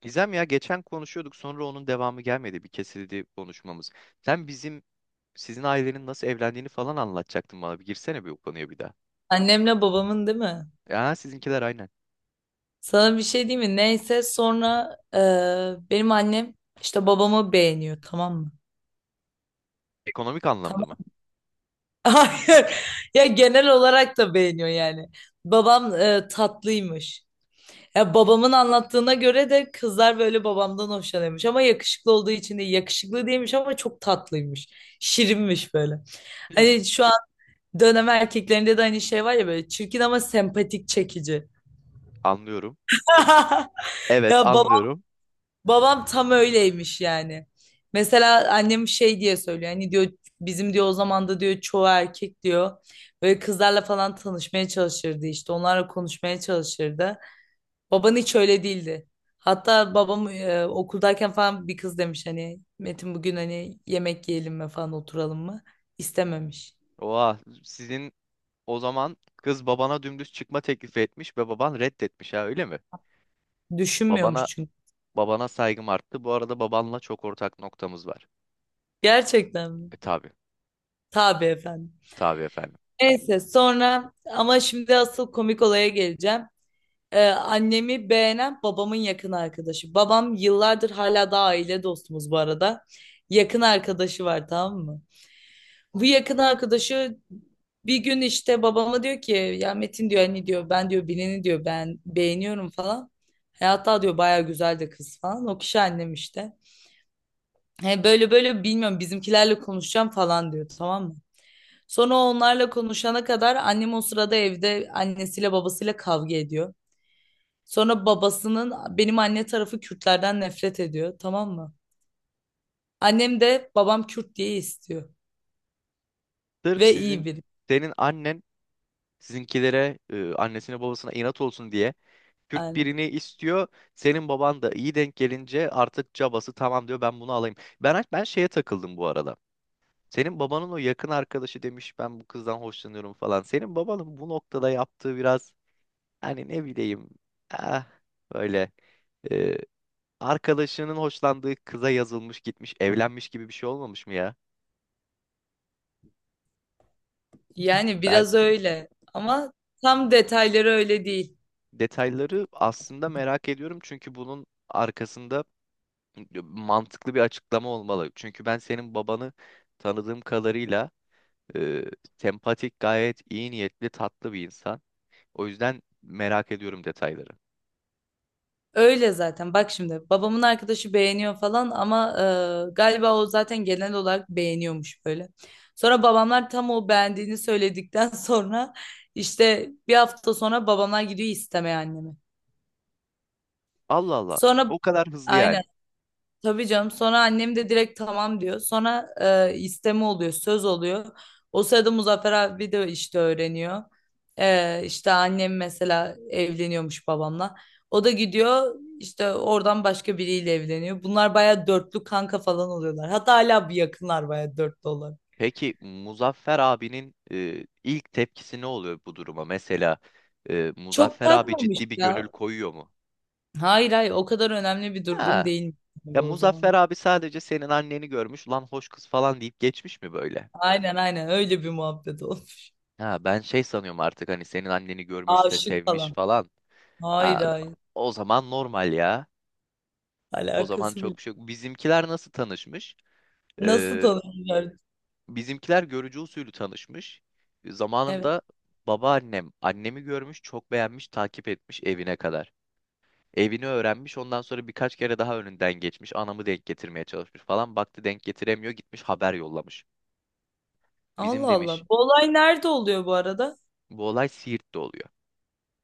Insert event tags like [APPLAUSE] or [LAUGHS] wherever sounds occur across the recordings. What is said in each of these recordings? Gizem, ya geçen konuşuyorduk, sonra onun devamı gelmedi, bir kesildi konuşmamız. Sen sizin ailenin nasıl evlendiğini falan anlatacaktın bana, bir girsene bir o konuya bir daha. Annemle babamın değil mi? Ya sizinkiler, aynen. Sana bir şey diyeyim mi? Neyse sonra benim annem işte babamı beğeniyor tamam mı? Ekonomik anlamda mı? Tamam. [LAUGHS] Hayır. Ya genel olarak da beğeniyor yani. Babam tatlıymış. Ya babamın anlattığına göre de kızlar böyle babamdan hoşlanıyormuş ama yakışıklı olduğu için değil. Yakışıklı değilmiş ama çok tatlıymış. Şirinmiş böyle. Hmm, Hani şu an dönem erkeklerinde de hani şey var ya böyle çirkin ama sempatik çekici. anlıyorum. [LAUGHS] Ya Evet, babam. anlıyorum. Babam tam öyleymiş yani. Mesela annem şey diye söylüyor. Hani diyor bizim diyor o zaman da diyor çoğu erkek diyor. Böyle kızlarla falan tanışmaya çalışırdı işte. Onlarla konuşmaya çalışırdı. Baban hiç öyle değildi. Hatta babam okuldayken falan bir kız demiş hani Metin bugün hani yemek yiyelim mi falan oturalım mı? İstememiş. Oha, o zaman kız babana dümdüz çıkma teklifi etmiş ve baban reddetmiş ha, öyle mi? Düşünmüyormuş Babana çünkü. babana saygım arttı. Bu arada babanla çok ortak noktamız var. Gerçekten mi? E, tabi Tabii efendim. tabi efendim. Neyse sonra ama şimdi asıl komik olaya geleceğim. Annemi beğenen babamın yakın arkadaşı. Babam yıllardır hala daha aile dostumuz bu arada. Yakın arkadaşı var tamam mı? Bu yakın arkadaşı bir gün işte babama diyor ki ya Metin diyor hani diyor ben diyor Bilen'i diyor ben beğeniyorum falan. Hatta diyor baya güzel de kız falan. O kişi annem işte. He, böyle böyle bilmiyorum bizimkilerle konuşacağım falan diyor tamam mı? Sonra onlarla konuşana kadar annem o sırada evde annesiyle babasıyla kavga ediyor. Sonra babasının benim anne tarafı Kürtlerden nefret ediyor tamam mı? Annem de babam Kürt diye istiyor Sırf ve iyi biri. senin annen sizinkilere, annesine babasına inat olsun diye Kürt Yani, birini istiyor. Senin baban da iyi denk gelince artık cabası, tamam diyor, ben bunu alayım. Ben şeye takıldım bu arada. Senin babanın o yakın arkadaşı demiş ben bu kızdan hoşlanıyorum falan. Senin babanın bu noktada yaptığı biraz, hani ne bileyim, ah, böyle, e, arkadaşının hoşlandığı kıza yazılmış, gitmiş, evlenmiş gibi bir şey olmamış mı ya? yani Ben biraz öyle ama tam detayları öyle değil. detayları aslında merak ediyorum, çünkü bunun arkasında mantıklı bir açıklama olmalı. Çünkü ben senin babanı tanıdığım kadarıyla e, sempatik, gayet iyi niyetli, tatlı bir insan. O yüzden merak ediyorum detayları. Öyle zaten bak şimdi babamın arkadaşı beğeniyor falan ama galiba o zaten genel olarak beğeniyormuş böyle. Sonra babamlar tam o beğendiğini söyledikten [LAUGHS] sonra işte bir hafta sonra babamlar gidiyor istemeye annemi. Allah Allah. Sonra O kadar hızlı Aynen. yani. Tabii canım sonra annem de direkt tamam diyor. Sonra isteme oluyor, söz oluyor. O sırada Muzaffer abi de işte öğreniyor. İşte annem mesela evleniyormuş babamla. O da gidiyor işte oradan başka biriyle evleniyor. Bunlar baya dörtlü kanka falan oluyorlar. Hatta hala bir yakınlar baya dörtlü olarak. Peki Muzaffer abinin ilk tepkisi ne oluyor bu duruma? Mesela, Çok Muzaffer abi takmamış ciddi bir gönül ya. koyuyor mu? Hayır hayır o kadar önemli bir durum Ha. değil Ya gibi o Muzaffer zaman. abi sadece senin anneni görmüş, lan hoş kız falan deyip geçmiş mi böyle? Aynen aynen öyle bir muhabbet olmuş. Ha, ben şey sanıyorum artık, hani senin anneni görmüş de Aşık sevmiş falan. falan. Hayır Ha, hayır o zaman normal ya. O zaman alakası bile. çok bir şey yok. Bizimkiler nasıl tanışmış? Nasıl Ee, tanımıyorlar? Bizimkiler görücü usulü tanışmış. Evet. Zamanında babaannem annemi görmüş, çok beğenmiş, takip etmiş evine kadar. Evini öğrenmiş, ondan sonra birkaç kere daha önünden geçmiş. Anamı denk getirmeye çalışmış falan. Baktı denk getiremiyor, gitmiş haber yollamış. Bizim Allah Allah. demiş, Bu olay nerede oluyor bu arada? bu olay Siirt'te oluyor.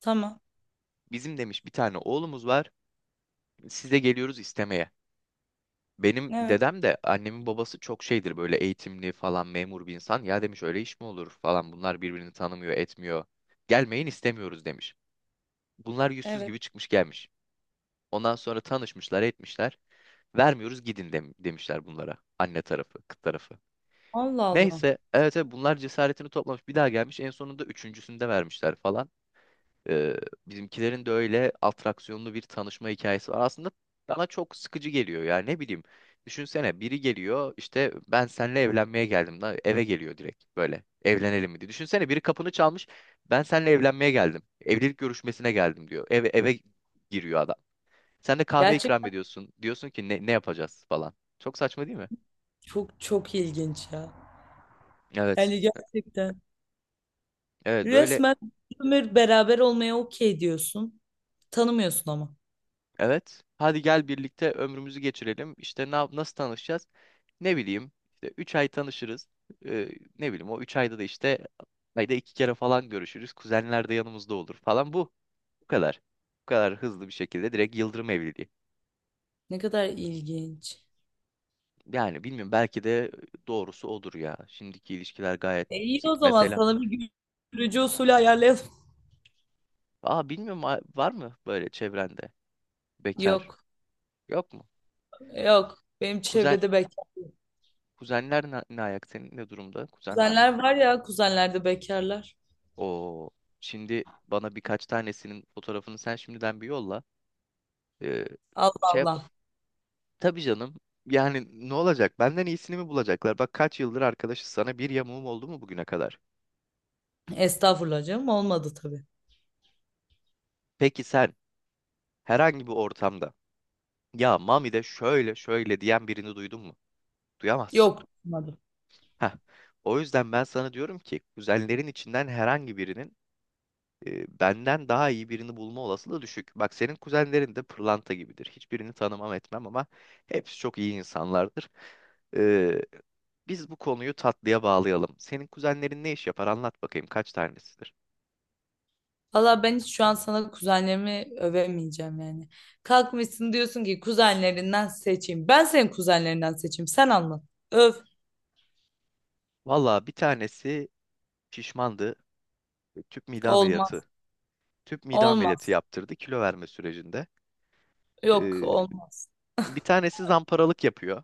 Tamam. Bizim demiş bir tane oğlumuz var. Size geliyoruz istemeye. Benim Evet. dedem de, annemin babası, çok şeydir böyle, eğitimli falan, memur bir insan. Ya demiş öyle iş mi olur falan, bunlar birbirini tanımıyor etmiyor. Gelmeyin, istemiyoruz demiş. Bunlar yüzsüz Evet. gibi çıkmış gelmiş. Ondan sonra tanışmışlar etmişler. Vermiyoruz, gidin demişler bunlara. Anne tarafı, kız tarafı. Allah Allah. Neyse, evet evet, bunlar cesaretini toplamış bir daha gelmiş, en sonunda üçüncüsünde vermişler falan. Ee, Bizimkilerin de öyle atraksiyonlu bir tanışma hikayesi var. Aslında bana çok sıkıcı geliyor ya, ne bileyim. Düşünsene biri geliyor, işte ben seninle evlenmeye geldim da, eve geliyor direkt, böyle evlenelim mi diye. Düşünsene biri kapını çalmış, ben seninle evlenmeye geldim. Evlilik görüşmesine geldim diyor. Eve, eve giriyor adam. Sen de kahve ikram Gerçekten ediyorsun. Diyorsun ki ne yapacağız falan. Çok saçma değil mi? çok çok ilginç ya. Evet. Yani gerçekten. Evet, böyle. Resmen bir ömür beraber olmaya okey diyorsun. Tanımıyorsun ama. Evet. Hadi gel birlikte ömrümüzü geçirelim. İşte nasıl tanışacağız? Ne bileyim, İşte 3 ay tanışırız. Ee, Ne bileyim, o 3 ayda da işte ayda 2 kere falan görüşürüz. Kuzenler de yanımızda olur falan bu. Bu kadar. Bu kadar hızlı bir şekilde direkt yıldırım evliliği. Ne kadar ilginç. Yani bilmiyorum, belki de doğrusu odur ya. Şimdiki ilişkiler gayet E iyi o sık zaman mesela. sana bir görücü usulü ayarlayalım. Aa, bilmiyorum, var mı böyle çevrende bekar? Yok. Yok mu? Yok. Benim Kuzen çevrede bekar. kuzenler ne ayak, senin ne durumda? Kuzen var mı? Kuzenler var ya kuzenlerde bekarlar. O şimdi bana birkaç tanesinin fotoğrafını sen şimdiden bir yolla. Ee, Allah Şey yap. Allah. Tabii canım. Yani ne olacak? Benden iyisini mi bulacaklar? Bak kaç yıldır arkadaşız, sana bir yamuğum oldu mu bugüne kadar? Estağfurullah canım. Olmadı tabii. Peki sen herhangi bir ortamda ya Mami de şöyle şöyle diyen birini duydun mu? Duyamazsın. Yok. Olmadı. Heh. O yüzden ben sana diyorum ki kuzenlerin içinden herhangi birinin benden daha iyi birini bulma olasılığı düşük. Bak, senin kuzenlerin de pırlanta gibidir. Hiçbirini tanımam etmem ama hepsi çok iyi insanlardır. E, biz bu konuyu tatlıya bağlayalım. Senin kuzenlerin ne iş yapar? Anlat bakayım, kaç tanesidir? Valla ben hiç şu an sana kuzenlerimi övemeyeceğim yani. Kalkmışsın diyorsun ki kuzenlerinden seçeyim. Ben senin kuzenlerinden seçeyim. Sen anlat. Öv. Valla, bir tanesi şişmandı. Tüp mide ameliyatı. Olmaz. Tüp mide ameliyatı Olmaz. yaptırdı kilo verme sürecinde. Yok E, olmaz. Bir tanesi zamparalık yapıyor.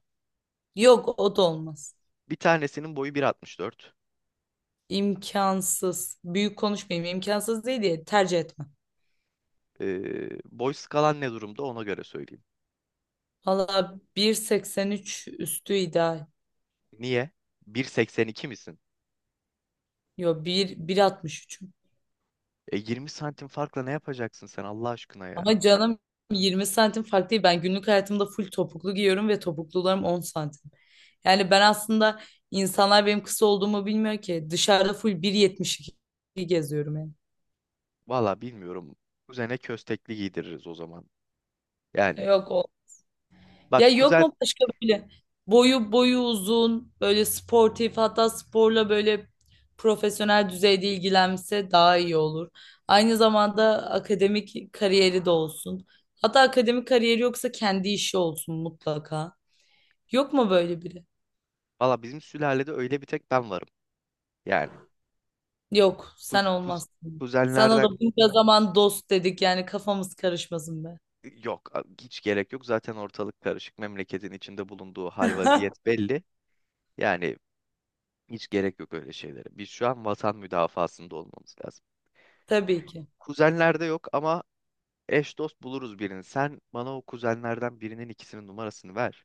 Yok o da olmaz. Bir tanesinin boyu 1.64. İmkansız. Büyük konuşmayayım. İmkansız değil diye tercih etmem. E, Boy skalan ne durumda, ona göre söyleyeyim. Valla 1.83 üstü ideal. Niye? 1.82 misin? Yok 1.63. 20 santim farkla ne yapacaksın sen Allah aşkına ya? Ama canım 20 santim fark değil. Ben günlük hayatımda full topuklu giyiyorum ve topuklularım 10 santim. Yani ben aslında insanlar benim kısa olduğumu bilmiyor ki. Dışarıda full 1.72 geziyorum yani. Valla bilmiyorum. Kuzene köstekli giydiririz o zaman. Yani Yok o. Ya bak, yok kuzen, mu başka böyle boyu uzun, böyle sportif hatta sporla böyle profesyonel düzeyde ilgilense daha iyi olur. Aynı zamanda akademik kariyeri de olsun. Hatta akademik kariyeri yoksa kendi işi olsun mutlaka. Yok mu böyle biri? valla bizim sülalede öyle bir tek ben varım. Yani Yok, sen kuz, kuz, olmazsın. Sana kuzenlerden da bunca zaman dost dedik yani kafamız karışmasın be. yok, hiç gerek yok. Zaten ortalık karışık. Memleketin içinde bulunduğu hal vaziyet [LAUGHS] belli. Yani hiç gerek yok öyle şeylere. Biz şu an vatan müdafaasında olmamız lazım. Tabii ki. Kuzenlerde yok ama eş dost buluruz birini. Sen bana o kuzenlerden birinin ikisinin numarasını ver.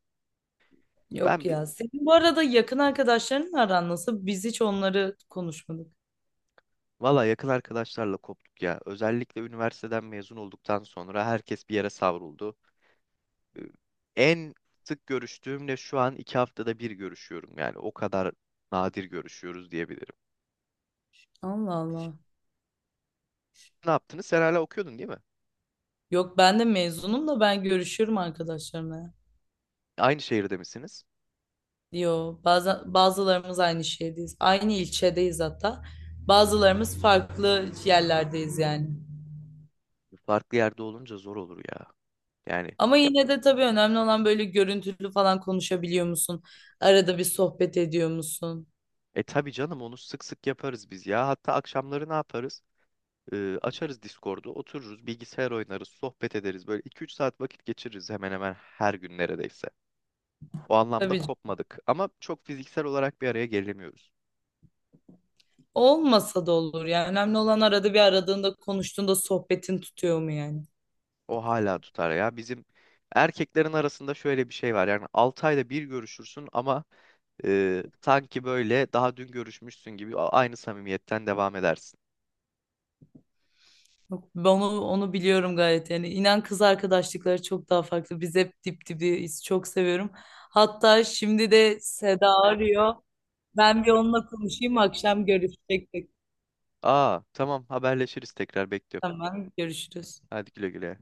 Ben Yok ya. Senin bu arada yakın arkadaşlarınla aran nasıl? Biz hiç onları konuşmadık. Valla yakın arkadaşlarla koptuk ya. Özellikle üniversiteden mezun olduktan sonra herkes bir yere savruldu. Ee, En sık görüştüğümle şu an 2 haftada bir görüşüyorum. Yani o kadar nadir görüşüyoruz diyebilirim. Allah Allah. Ne yaptınız? Sen hala okuyordun değil mi? Yok ben de mezunum da ben görüşürüm arkadaşlarımla. Aynı şehirde misiniz? Yo bazen bazılarımız aynı şehirdeyiz. Aynı ilçedeyiz hatta. Bazılarımız farklı yerlerdeyiz yani. Farklı yerde olunca zor olur ya. Yani Ama yine de tabii önemli olan böyle görüntülü falan konuşabiliyor musun? Arada bir sohbet ediyor musun? Tabii canım, onu sık sık yaparız biz ya. Hatta akşamları ne yaparız? Açarız Discord'u, otururuz, bilgisayar oynarız, sohbet ederiz. Böyle 2-3 saat vakit geçiririz hemen hemen her gün neredeyse. O anlamda Tabii canım. kopmadık. Ama çok fiziksel olarak bir araya gelemiyoruz. Olmasa da olur yani. Önemli olan arada bir aradığında konuştuğunda sohbetin tutuyor mu yani? O hala tutar ya. Bizim erkeklerin arasında şöyle bir şey var. Yani 6 ayda bir görüşürsün ama sanki böyle daha dün görüşmüşsün gibi aynı samimiyetten devam edersin. Yok, ben onu biliyorum gayet yani. İnan kız arkadaşlıkları çok daha farklı. Biz hep dip dibiyiz. Çok seviyorum. Hatta şimdi de Seda arıyor. Ben bir onunla konuşayım. Akşam görüşecektik. Aa tamam, haberleşiriz, tekrar bekliyorum. Tamam, görüşürüz. Hadi güle güle.